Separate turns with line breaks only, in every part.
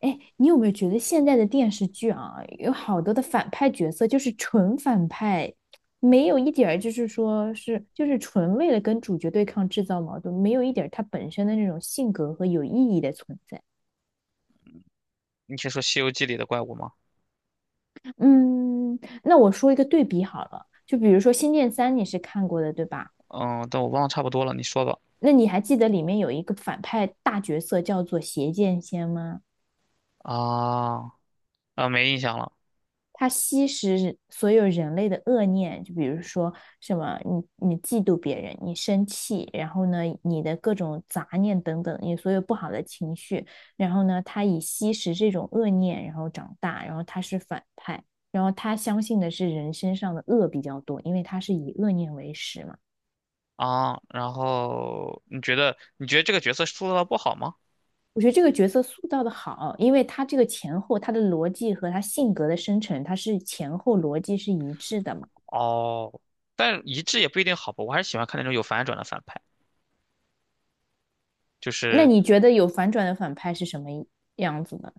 哎，你有没有觉得现在的电视剧啊，有好多的反派角色就是纯反派，没有一点儿就是说是就是纯为了跟主角对抗制造矛盾，没有一点儿他本身的那种性格和有意义的存在。
你先说《西游记》里的怪物吗？
嗯，那我说一个对比好了，就比如说《仙剑三》，你是看过的对吧？
嗯，但我忘了差不多了，你说吧。
那你还记得里面有一个反派大角色叫做邪剑仙吗？
啊啊，没印象了
他吸食所有人类的恶念，就比如说什么你嫉妒别人，你生气，然后呢你的各种杂念等等，你所有不好的情绪，然后呢他以吸食这种恶念，然后长大，然后他是反派，然后他相信的是人身上的恶比较多，因为他是以恶念为食嘛。
啊。然后你觉得这个角色塑造的不好吗？
我觉得这个角色塑造的好，因为他这个前后他的逻辑和他性格的生成，他是前后逻辑是一致的嘛。
哦，但一致也不一定好吧。我还是喜欢看那种有反转的反派，就
那
是
你觉得有反转的反派是什么样子的？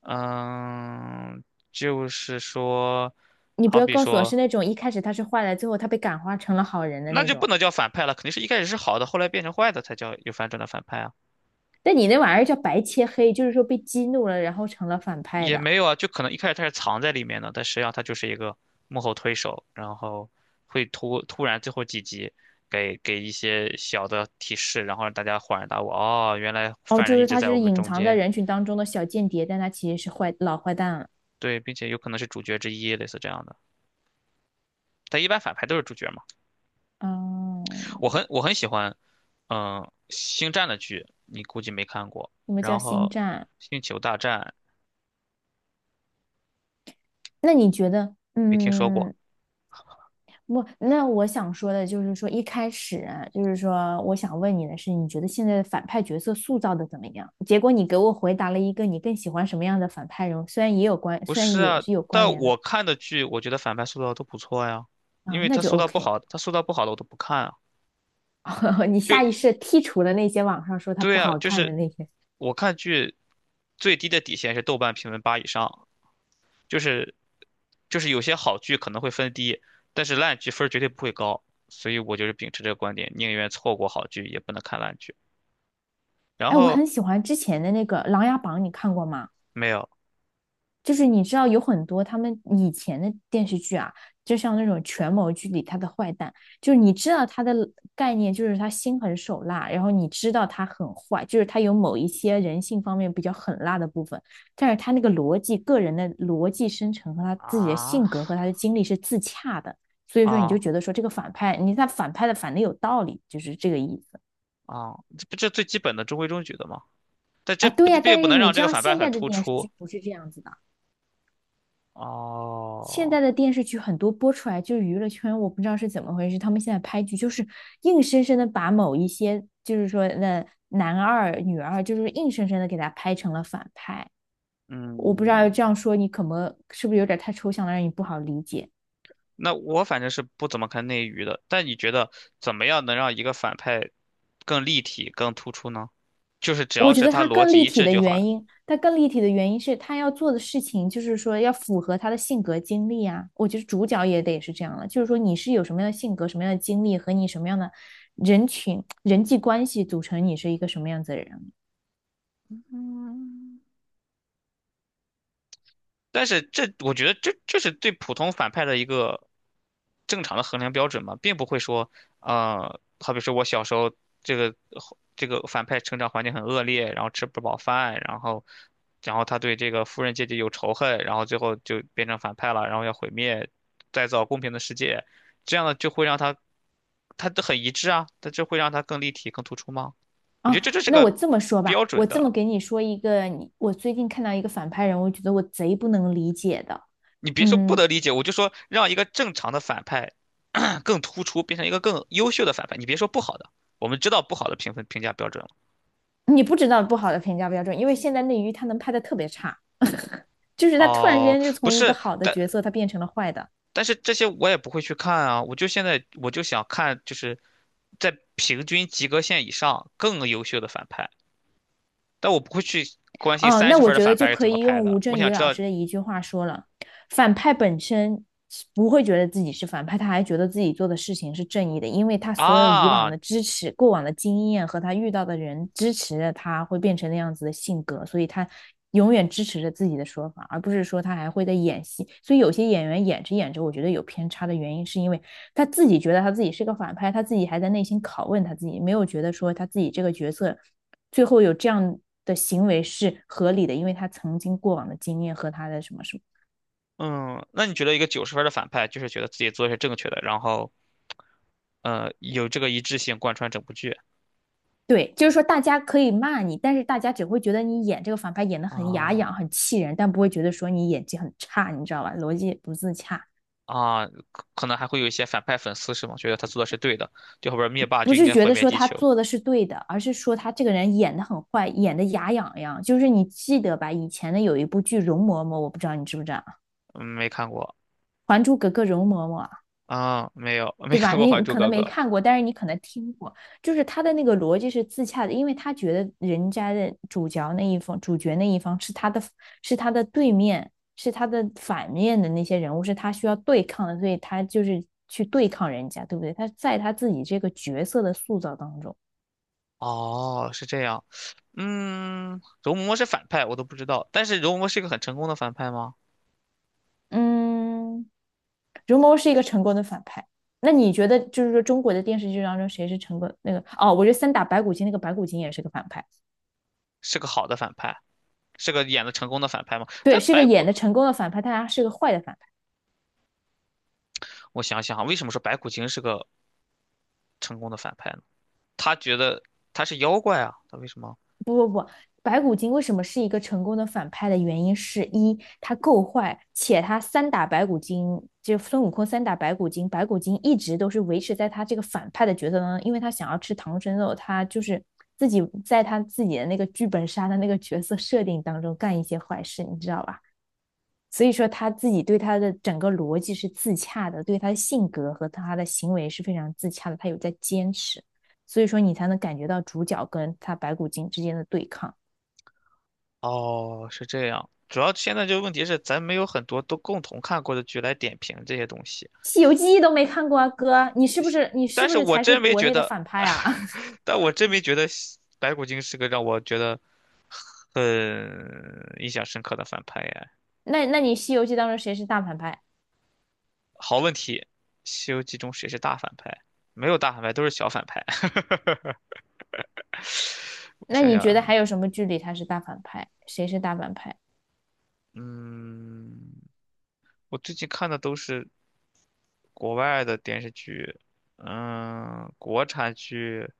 嗯，就是说，
你不
好
要
比
告诉我
说，
是那种一开始他是坏的，最后他被感化成了好人的
那
那
就不
种。
能叫反派了，肯定是一开始是好的，后来变成坏的才叫有反转的反派啊。
但你那玩意儿叫白切黑，就是说被激怒了，然后成了反派
也
的。
没有啊，就可能一开始他是藏在里面的，但实际上他就是一个幕后推手，然后会突然最后几集给一些小的提示，然后让大家恍然大悟，哦，原来
哦，
犯
就
人一
是
直
他
在我
是
们
隐
中
藏在
间，
人群当中的小间谍，但他其实是坏老坏蛋了。
对，并且有可能是主角之一，类似这样的。但一般反派都是主角嘛，
哦，
我很喜欢，嗯，星战的剧，你估计没看过，
什么叫
然
星
后
战？
星球大战
那你觉得，
没听说过。
嗯，不，那我想说的就是说，一开始啊就是说，我想问你的是，你觉得现在的反派角色塑造的怎么样？结果你给我回答了一个你更喜欢什么样的反派人物，虽然也有关，
不
虽然
是
也
啊，
是有关
但
联的
我看的剧，我觉得反派塑造都不错呀，因
啊，
为
那
他
就
塑造不
OK。
好，他塑造不好的我都不看啊。
你下意
就
识剔除了那些网上说他
对
不
啊，
好
就
看的
是
那些。
我看剧最低的底线是豆瓣评分八以上，就是就是有些好剧可能会分低，但是烂剧分儿绝对不会高，所以我就是秉持这个观点，宁愿错过好剧也不能看烂剧。然
哎，我
后
很喜欢之前的那个《琅琊榜》，你看过吗？
没有
就是你知道有很多他们以前的电视剧啊，就像那种权谋剧里他的坏蛋，就是你知道他的概念就是他心狠手辣，然后你知道他很坏，就是他有某一些人性方面比较狠辣的部分，但是他那个逻辑、个人的逻辑生成和他自己的
啊
性格和他的经历是自洽的，所以说你就
啊
觉得说这个反派，你看反派的反的有道理，就是这个意思
啊，这不这最基本的中规中矩的吗？但这
啊。
不
对呀，
并
但
不
是
能
你
让这
知
个
道
反派
现
很
在的
突
电视
出。
剧不是这样子的。现
哦，
在的电视剧很多播出来就是娱乐圈，我不知道是怎么回事，他们现在拍剧就是硬生生的把某一些，就是说那男二、女二，就是硬生生的给他拍成了反派。我不知道
嗯，
这样说你可能是不是有点太抽象了，让你不好理解。
那我反正是不怎么看内娱的，但你觉得怎么样能让一个反派更立体、更突出呢？就是只
我
要
觉
是
得
他
他
逻
更
辑
立
一
体
致
的
就好
原
了。
因，他更立体的原因是他要做的事情，就是说要符合他的性格经历啊。我觉得主角也得是这样了，就是说你是有什么样的性格、什么样的经历和你什么样的人群、人际关系组成你是一个什么样子的人
嗯。但是我觉得这是对普通反派的一个正常的衡量标准嘛，并不会说，好比说我小时候这个这个反派成长环境很恶劣，然后吃不饱饭，然后他对这个富人阶级有仇恨，然后最后就变成反派了，然后要毁灭，再造公平的世界，这样的就会让他他都很一致啊，但这会让他更立体、更突出吗？我觉得
啊。
这就是
那
个
我这么说吧，
标准
我这么
的。
给你说一个，你我最近看到一个反派人物，我觉得我贼不能理解的，
你别说不
嗯，
得理解，我就说让一个正常的反派 更突出，变成一个更优秀的反派。你别说不好的，我们知道不好的评分评价标准了。
你不知道不好的评价标准，因为现在内娱他能拍的特别差，就是他突然之
哦，
间就
不
从一个
是，
好的
但
角色他变成了坏的。
但是这些我也不会去看啊。我就现在我就想看，就是在平均及格线以上更优秀的反派，但我不会去关心
哦，
三
那
十
我
分儿的
觉得
反
就
派是
可
怎么
以用
拍
吴
的。我
镇
想
宇
知
老
道
师的一句话说了：反派本身不会觉得自己是反派，他还觉得自己做的事情是正义的，因为他所有以往
啊，
的支持、过往的经验和他遇到的人支持着他，会变成那样子的性格，所以他永远支持着自己的说法，而不是说他还会在演戏。所以有些演员演着演着，我觉得有偏差的原因，是因为他自己觉得他自己是个反派，他自己还在内心拷问他自己，没有觉得说他自己这个角色最后有这样的行为是合理的，因为他曾经过往的经验和他的什么什么。
嗯，那你觉得一个九十分儿的反派，就是觉得自己做的是正确的，然后有这个一致性贯穿整部剧？
对，就是说大家可以骂你，但是大家只会觉得你演这个反派演得很牙痒、
哦，
很气人，但不会觉得说你演技很差，你知道吧？逻辑不自洽，
啊，可能还会有一些反派粉丝是吗？觉得他做的是对的，就后边灭霸
不
就应
是
该
觉
毁
得
灭
说
地
他
球。
做的是对的，而是说他这个人演得很坏，演得牙痒痒。就是你记得吧？以前的有一部剧《容嬷嬷》，我不知道你知不知道啊，
嗯，没看过
《还珠格格》容嬷嬷，
啊，没有，没
对吧？
看过《还
你
珠
可
格
能
格》。
没看过，但是你可能听过，就是他的那个逻辑是自洽的，因为他觉得人家的主角那一方、主角那一方是他的，是他的对面，是他的反面的那些人物，是他需要对抗的，所以他就是去对抗人家，对不对？他在他自己这个角色的塑造当中，
哦，是这样。嗯，容嬷嬷是反派，我都不知道。但是容嬷嬷是一个很成功的反派吗？
嗯，如谋是一个成功的反派。那你觉得，就是说中国的电视剧当中谁是成功那个？哦，我觉得三打白骨精那个白骨精也是个反派，
是个好的反派，是个演的成功的反派吗？
对，
但
是个
白
演
骨，
的成功的反派，但他是个坏的反派。
我想想啊，为什么说白骨精是个成功的反派呢？他觉得他是妖怪啊，他为什么？
白骨精为什么是一个成功的反派的原因是一，他够坏，且他三打白骨精，就孙悟空三打白骨精，白骨精一直都是维持在他这个反派的角色当中，因为他想要吃唐僧肉，他就是自己在他自己的那个剧本杀的那个角色设定当中干一些坏事，你知道吧？所以说他自己对他的整个逻辑是自洽的，对他的性格和他的行为是非常自洽的，他有在坚持，所以说你才能感觉到主角跟他白骨精之间的对抗。
哦，是这样。主要现在这个问题是，咱没有很多都共同看过的剧来点评这些东西。
《西游记》都没看过啊，哥，你是不是你是
但
不
是
是
我
才是
真没
国
觉
内的
得，
反派啊？
但我真没觉得白骨精是个让我觉得很印象深刻的反派耶。
那你《西游记》当中谁是大反派？
好问题，《西游记》中谁是大反派？没有大反派，都是小反派。我
那
想
你
想
觉得
啊，
还有什么剧里他是大反派？谁是大反派？
嗯，我最近看的都是。国外的电视剧，嗯，国产剧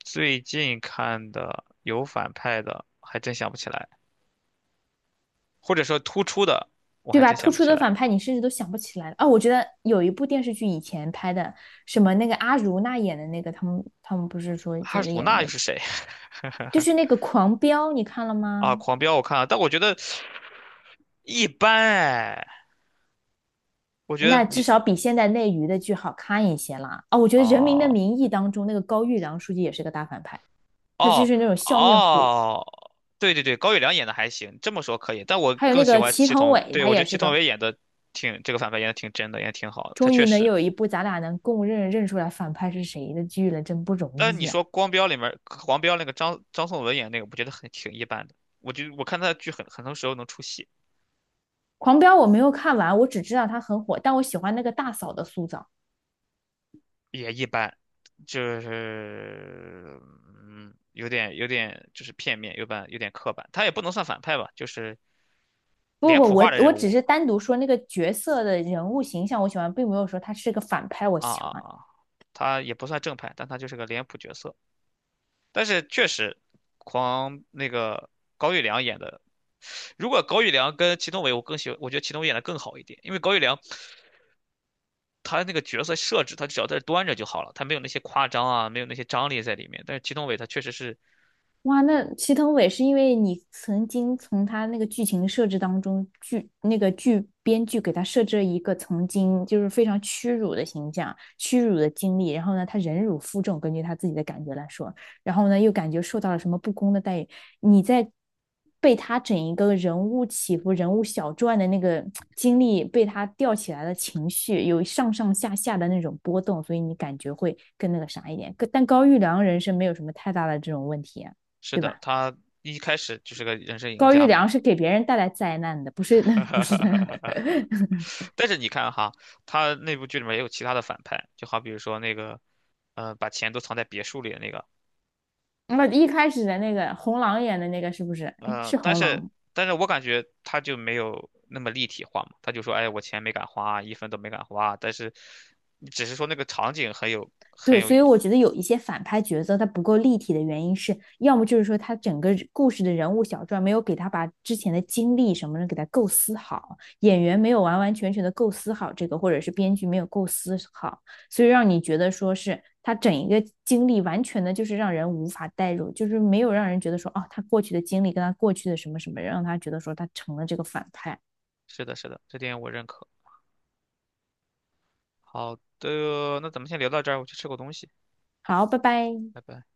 最近看的有反派的，还真想不起来，或者说突出的，我
对
还
吧？
真
突
想不
出
起
的
来。
反派你甚至都想不起来了啊！我觉得有一部电视剧以前拍的，什么那个阿如那演的那个，他们不是说
哈
觉得
鲁
演的
娜又是谁？
就是 那个《狂飙》，你看了
啊，
吗？
狂飙我看了，但我觉得一般哎，我觉得
那至
你
少比现在内娱的剧好看一些啦啊！我觉得《人民的
哦
名义》当中那个高育良书记也是个大反派，他就
哦
是那种笑面虎。
哦，对对对，高育良演的还行，这么说可以，但我
还有
更
那
喜
个
欢
祁
祁
同
同，
伟，
对，
他
我觉得
也
祁
是
同
个，
伟演的挺这个反派演的挺真的，演的挺好的，他
终
确
于能
实。
有一部咱俩能共认认出来反派是谁的剧了，真不容
但你
易啊！
说光标里面黄标那个张颂文演那个，我觉得很挺一般的。我看他的剧很多时候能出戏，
狂飙我没有看完，我只知道他很火，但我喜欢那个大嫂的塑造。
也一般，就是嗯，有点就是片面，有点刻板。他也不能算反派吧，就是
不
脸
不，
谱
我
化的
我
人
只
物
是单独说那个角色的人物形象，我喜欢，并没有说他是个反派，我
啊
喜
啊
欢。
啊，他也不算正派，但他就是个脸谱角色。但是确实，狂那个高育良演的，如果高育良跟祁同伟，我更喜欢，我觉得祁同伟演的更好一点，因为高育良。他那个角色设置，他只要在这端着就好了，他没有那些夸张啊，没有那些张力在里面。但是祁同伟他确实是
哇，那祁同伟是因为你曾经从他那个剧情设置当中，那个编剧给他设置了一个曾经就是非常屈辱的形象、屈辱的经历，然后呢，他忍辱负重，根据他自己的感觉来说，然后呢，又感觉受到了什么不公的待遇，你在被他整一个人物起伏、人物小传的那个 经历被他吊起来的情绪，有上上下下的那种波动，所以你感觉会更那个啥一点。但高育良人生没有什么太大的这种问题啊
是
对
的，
吧？
他一开始就是个人生赢
高育
家嘛。
良是给别人带来灾难的，不是 不是的。
但是你看哈，他那部剧里面也有其他的反派，就好比如说那个，把钱都藏在别墅里的那个，
那一开始的那个红狼演的那个是不是？哎，
呃，
是
但
红狼
是
吗？
但是我感觉他就没有那么立体化嘛，他就说，哎，我钱没敢花，一分都没敢花，但是只是说那个场景很有很
对，
有，
所以我觉得有一些反派角色他不够立体的原因是，要么就是说他整个故事的人物小传没有给他把之前的经历什么的给他构思好，演员没有完完全全的构思好这个，或者是编剧没有构思好，所以让你觉得说是他整一个经历完全的就是让人无法代入，就是没有让人觉得说哦，他过去的经历跟他过去的什么什么，让他觉得说他成了这个反派。
是的，是的，这点我认可。好的，那咱们先聊到这儿，我去吃口东西，
好，拜拜。
拜拜。